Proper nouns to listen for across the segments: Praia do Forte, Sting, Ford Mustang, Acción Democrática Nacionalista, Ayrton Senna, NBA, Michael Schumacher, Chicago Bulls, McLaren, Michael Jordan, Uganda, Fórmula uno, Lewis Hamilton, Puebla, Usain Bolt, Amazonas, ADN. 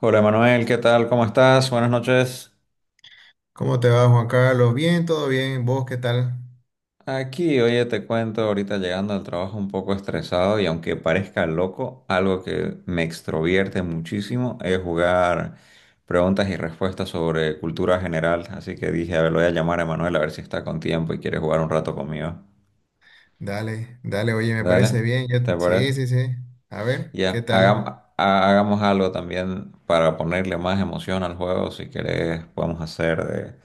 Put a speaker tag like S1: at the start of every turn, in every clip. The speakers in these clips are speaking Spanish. S1: Hola Manuel, ¿qué tal? ¿Cómo estás? Buenas noches.
S2: ¿Cómo te va, Juan Carlos? Bien, todo bien. ¿Vos qué tal?
S1: Aquí, oye, te cuento, ahorita llegando al trabajo un poco estresado y aunque parezca loco, algo que me extrovierte muchísimo es jugar preguntas y respuestas sobre cultura general. Así que dije, a ver, lo voy a llamar a Manuel a ver si está con tiempo y quiere jugar un rato conmigo.
S2: Dale, dale, oye, me
S1: Dale,
S2: parece bien.
S1: ¿te parece?
S2: Sí, sí, sí. A ver, ¿qué
S1: Ya, hagam-
S2: tal?
S1: ha- hagamos algo también para ponerle más emoción al juego. Si querés, podemos hacer de...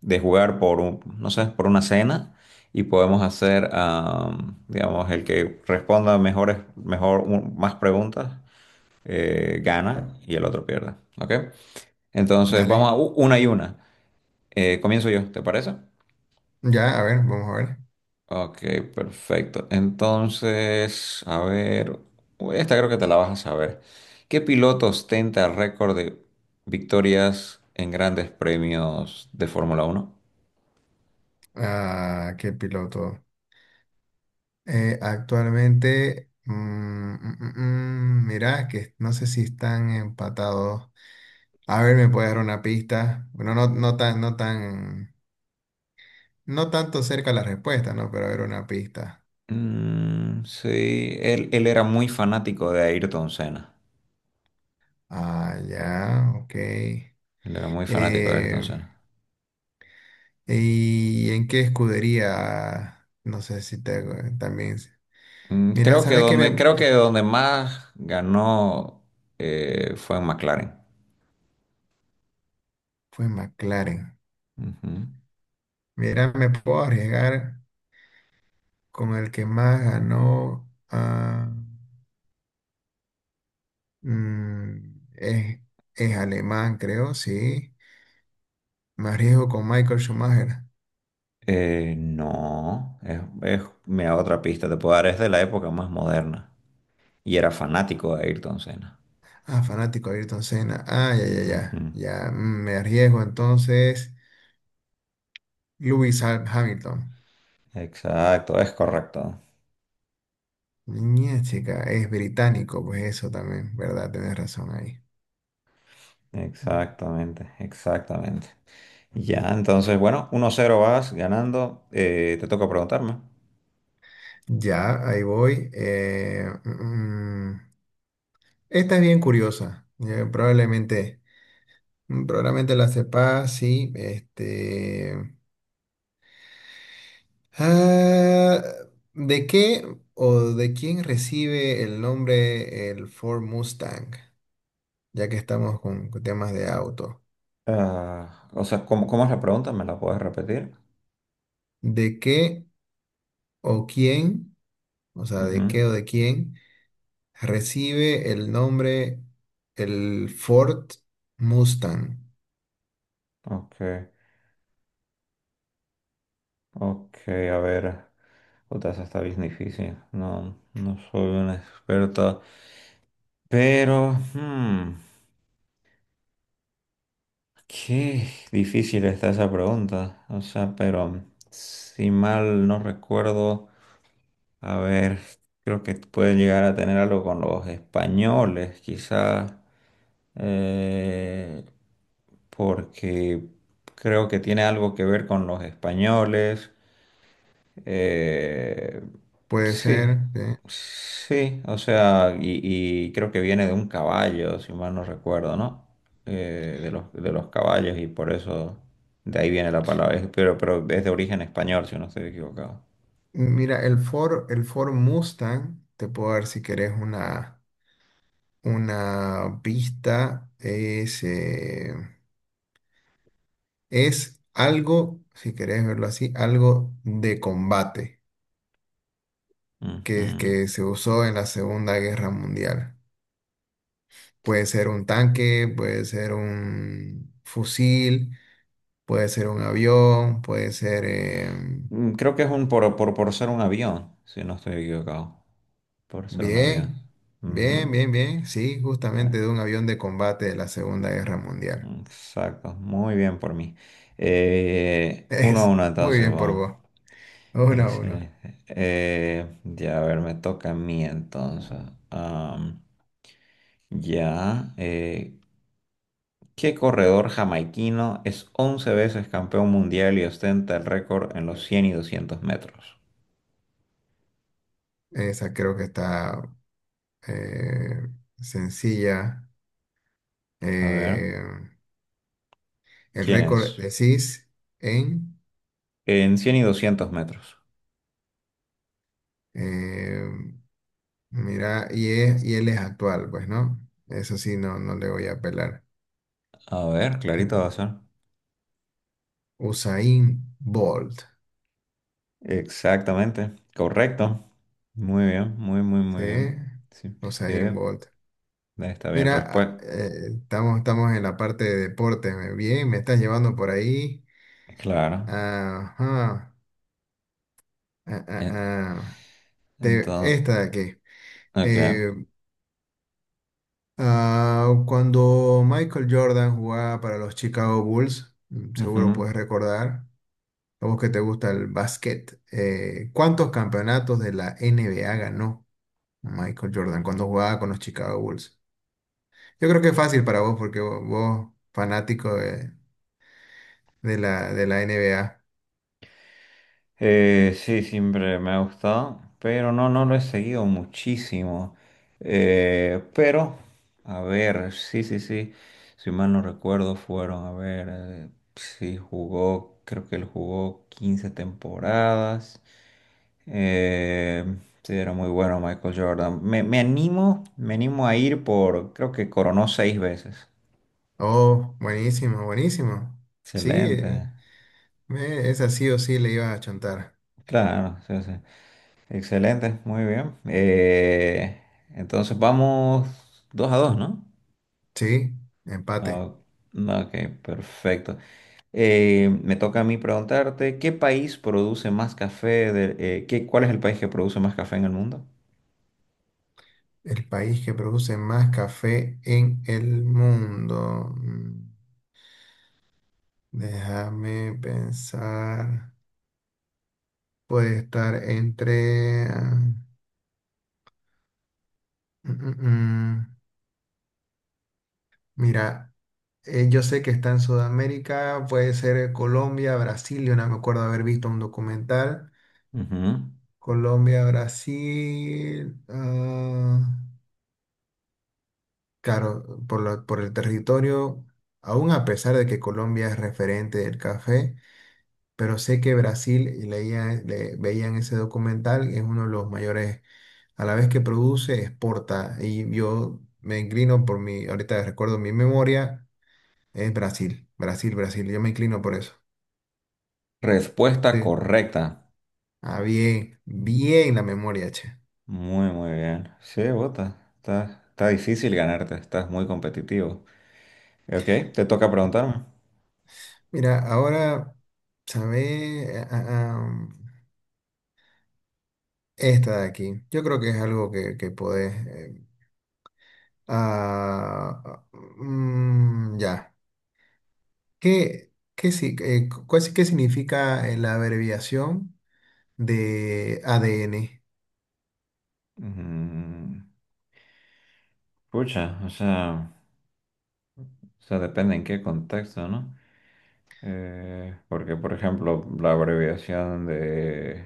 S1: de jugar por un, no sé, por una cena y podemos hacer, digamos, el que responda más preguntas gana y el otro pierde, ¿ok? Entonces
S2: Dale.
S1: vamos a una y una. Comienzo yo, ¿te parece?
S2: Ya, a ver, vamos a ver.
S1: Ok, perfecto. Entonces, a ver, uy, esta creo que te la vas a saber. ¿Qué piloto ostenta récord de victorias en grandes premios de Fórmula 1?
S2: Ah, qué piloto. Actualmente, mirá, que no sé si están empatados. A ver, ¿me puede dar una pista? Bueno, no, no tanto cerca la respuesta, ¿no? Pero a ver, una pista.
S1: Mm, sí, él era muy fanático de Ayrton Senna.
S2: Ah, ya, ok.
S1: Él era muy fanático de
S2: Eh,
S1: Ayrton Senna.
S2: ¿Y en qué escudería? No sé si te, también.
S1: Mm,
S2: Mira,
S1: creo que
S2: ¿sabes qué me
S1: donde, creo que donde más ganó fue en McLaren.
S2: fue McLaren?
S1: Ujú.
S2: Mira, me puedo arriesgar con el que más ganó. Mm, es, es alemán, creo, sí. Me arriesgo con Michael Schumacher.
S1: No, mira, otra pista te puedo dar, es de la época más moderna. Y era fanático de Ayrton Senna.
S2: Ah, fanático de Ayrton Senna. Ah, ya, ya,
S1: Ujú.
S2: ya. Ya, me arriesgo entonces. Lewis Hamilton.
S1: Exacto, es correcto.
S2: Niña, chica, es británico, pues eso también, ¿verdad? Tienes razón ahí.
S1: Exactamente, exactamente. Ya, entonces, bueno, 1-0 vas ganando. Te toca preguntarme.
S2: Ya, ahí voy. Esta es bien curiosa. Probablemente la sepas, sí. Ah, ¿De qué o de quién recibe el nombre el Ford Mustang? Ya que estamos con temas de auto.
S1: Ah, o sea, ¿cómo es la pregunta? ¿Me la puedes repetir?
S2: ¿De qué o quién, o sea, de
S1: Ujú,
S2: qué o de quién recibe el nombre el Ford Mustang?
S1: ok, ok, a ver. Puta, esa está bien difícil. No, no soy una experta. Pero, qué difícil está esa pregunta. O sea, pero si mal no recuerdo. A ver, creo que puede llegar a tener algo con los españoles, quizás, eh, porque creo que tiene algo que ver con los españoles. Eh,
S2: Puede
S1: sí,
S2: ser. ¿Sí?
S1: sí, o sea, y creo que viene de un caballo, si mal no recuerdo, ¿no? De los caballos y por eso de ahí viene la palabra, pero es de origen español, si no estoy equivocado.
S2: Mira, el Ford Mustang, te puedo dar si querés una pista, es algo, si querés verlo así, algo de combate
S1: Ujú.
S2: que se usó en la Segunda Guerra Mundial. Puede ser un tanque, puede ser un fusil, puede ser un avión,
S1: Creo que es por ser un avión, si no estoy equivocado. Por ser un avión.
S2: bien,
S1: Ujú.
S2: bien, bien, bien, sí,
S1: Eh,
S2: justamente de un avión de combate de la Segunda Guerra Mundial.
S1: Exacto, muy bien por mí. Uno a
S2: Es
S1: uno
S2: muy
S1: entonces,
S2: bien por
S1: vamos.
S2: vos. Uno a uno.
S1: Excelente. Ya, a ver, me toca a mí entonces. Am, ya, ¿qué corredor jamaiquino es 11 veces campeón mundial y ostenta el récord en los 100 y 200 metros?
S2: Esa creo que está eh, sencilla.
S1: A ver,
S2: Eh, el
S1: ¿quién
S2: récord
S1: es?
S2: decís en.
S1: En 100 y 200 metros.
S2: eh, Mira, y él es actual, pues, ¿no? Eso sí, no, no le voy a apelar.
S1: A ver, clarito va a ser.
S2: Usain Bolt.
S1: Exactamente. Correcto. Muy bien, muy, muy, muy
S2: ¿Sí?
S1: bien. Sí, sí,
S2: Usain Bolt.
S1: está bien
S2: Mira,
S1: respuesta.
S2: estamos en la parte de deporte. Bien, me estás llevando por ahí.
S1: Claro.
S2: Ajá. Ah, ah,
S1: En-
S2: ah.
S1: Entonces,
S2: Esta de aquí.
S1: ok.
S2: Eh, Cuando Michael Jordan jugaba para los Chicago Bulls, seguro
S1: Ujú.
S2: puedes recordar, a vos que te gusta el básquet, ¿cuántos campeonatos de la NBA ganó Michael Jordan cuando jugaba con los Chicago Bulls? Yo creo que es fácil para vos porque vos, fanático de la NBA.
S1: Sí, siempre me ha gustado, pero no lo he seguido muchísimo. Pero, a ver, sí, sí, sí, si mal no recuerdo, fueron, a ver, sí, jugó, creo que él jugó 15 temporadas. Eh, sí, era muy bueno Michael Jordan. Me animo, me animo, a ir por, creo que coronó seis veces.
S2: Oh, buenísimo, buenísimo. Sí,
S1: Excelente,
S2: esa sí o sí le iba a chontar.
S1: claro, sí, sí. Excelente, muy bien. Entonces vamos 2-2, ¿no?
S2: Sí, empate.
S1: No, no, ok, perfecto. Me toca a mí preguntarte, ¿qué país produce más café? ¿Cuál es el país que produce más café en el mundo?
S2: El país que produce más café en el mundo. Déjame pensar. Puede estar entre. Mm, mm, mm. Mira, yo sé que está en Sudamérica, puede ser Colombia, Brasil. Yo no me acuerdo haber visto un documental.
S1: Ujú.
S2: Colombia, Brasil. Claro, por el territorio, aún a pesar de que Colombia es referente del café. Pero sé que Brasil, y veía en ese documental, es uno de los mayores, a la vez que produce, exporta. Y yo me inclino por mi, ahorita recuerdo mi memoria, es Brasil, Brasil, Brasil. Yo me inclino por eso.
S1: Respuesta
S2: Sí.
S1: correcta.
S2: Ah, bien, bien la memoria, che.
S1: Muy, muy bien. Sí, bota. Está difícil ganarte, estás muy competitivo. Ok, te toca preguntarme.
S2: Mira, ahora, ¿sabes? Esta de aquí. Yo creo que es algo que podés. Ah, ah, ya. ¿Qué, qué, si- cu- cuál- si, qué significa la abreviación de ADN?
S1: Mm, Pucha, o sea, depende en qué contexto, ¿no? Porque, por ejemplo, la abreviación de,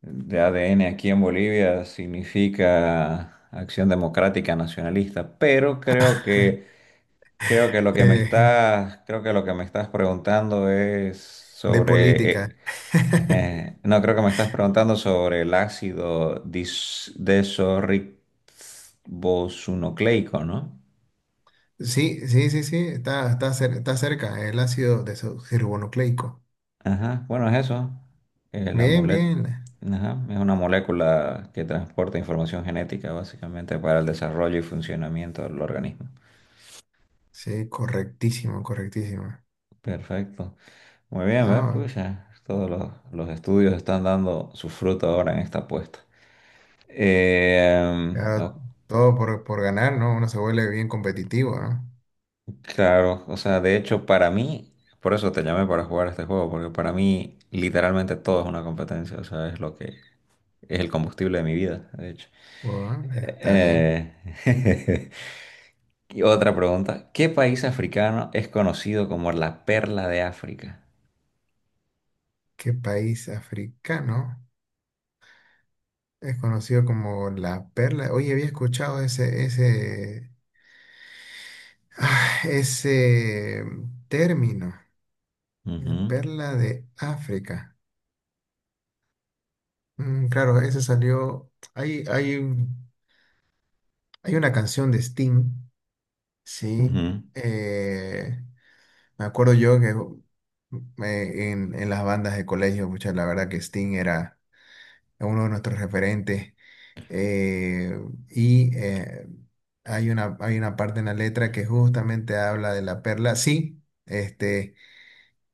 S1: de ADN aquí en Bolivia significa Acción Democrática Nacionalista, pero
S2: Eh,
S1: creo que lo que me estás preguntando es
S2: de
S1: sobre, eh,
S2: política.
S1: eh, No, creo que me estás preguntando sobre el ácido desorribonucleico, ¿no?
S2: Sí, sí, sí, sí, está cerca, el ácido desoxirribonucleico.
S1: Ajá, bueno, es eso. Eh, la
S2: Bien,
S1: mole-
S2: bien.
S1: ajá, es una molécula que transporta información genética básicamente para el desarrollo y funcionamiento del organismo.
S2: Sí, correctísimo, correctísimo.
S1: Perfecto. Muy bien, ¿ves?
S2: Ah,
S1: Pues ya todos los estudios están dando su fruto ahora en esta apuesta. Eh,
S2: ya
S1: o-
S2: todo por ganar, ¿no? Uno se vuelve bien competitivo, ¿no?
S1: claro, o sea, de hecho, para mí, por eso te llamé para jugar este juego, porque para mí literalmente todo es una competencia, o sea, es lo que es el combustible de mi vida, de hecho.
S2: Bueno, está bien.
S1: Eh, Y otra pregunta, ¿qué país africano es conocido como la perla de África?
S2: ¿Qué país africano? Es conocido como la perla. Oye, había escuchado ese término,
S1: Ujú,
S2: perla de África. Claro, ese salió. Hay una canción de Sting, sí.
S1: ujú.
S2: eh, Me acuerdo yo que en las bandas de colegio, pucha, la verdad que Sting era uno de nuestros referentes. eh, y hay una parte en la letra que justamente habla de la perla. Sí,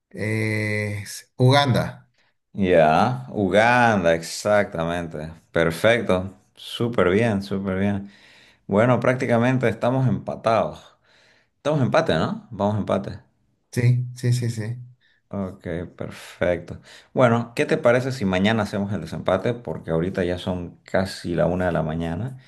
S2: es Uganda.
S1: Ya, Uganda, exactamente. Perfecto, súper bien, súper bien. Bueno, prácticamente estamos empatados. Estamos empate, ¿no? Vamos empate.
S2: Sí, sí, sí, sí.
S1: Ok, perfecto. Bueno, ¿qué te parece si mañana hacemos el desempate? Porque ahorita ya son casi la 1 de la mañana.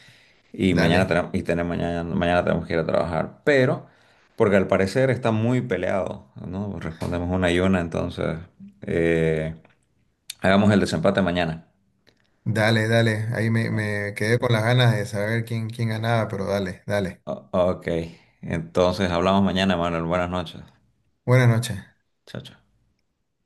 S1: Y mañana
S2: Dale,
S1: tenemos, y tenemos mañana, mañana tenemos que ir a trabajar. Pero, porque al parecer está muy peleado, ¿no? Respondemos una y una, entonces eh, hagamos el desempate mañana.
S2: dale, dale. Ahí me quedé con las ganas de saber quién ganaba, pero dale, dale.
S1: Ok, entonces hablamos mañana, Manuel. Buenas noches.
S2: Buenas noches.
S1: Chao, chao.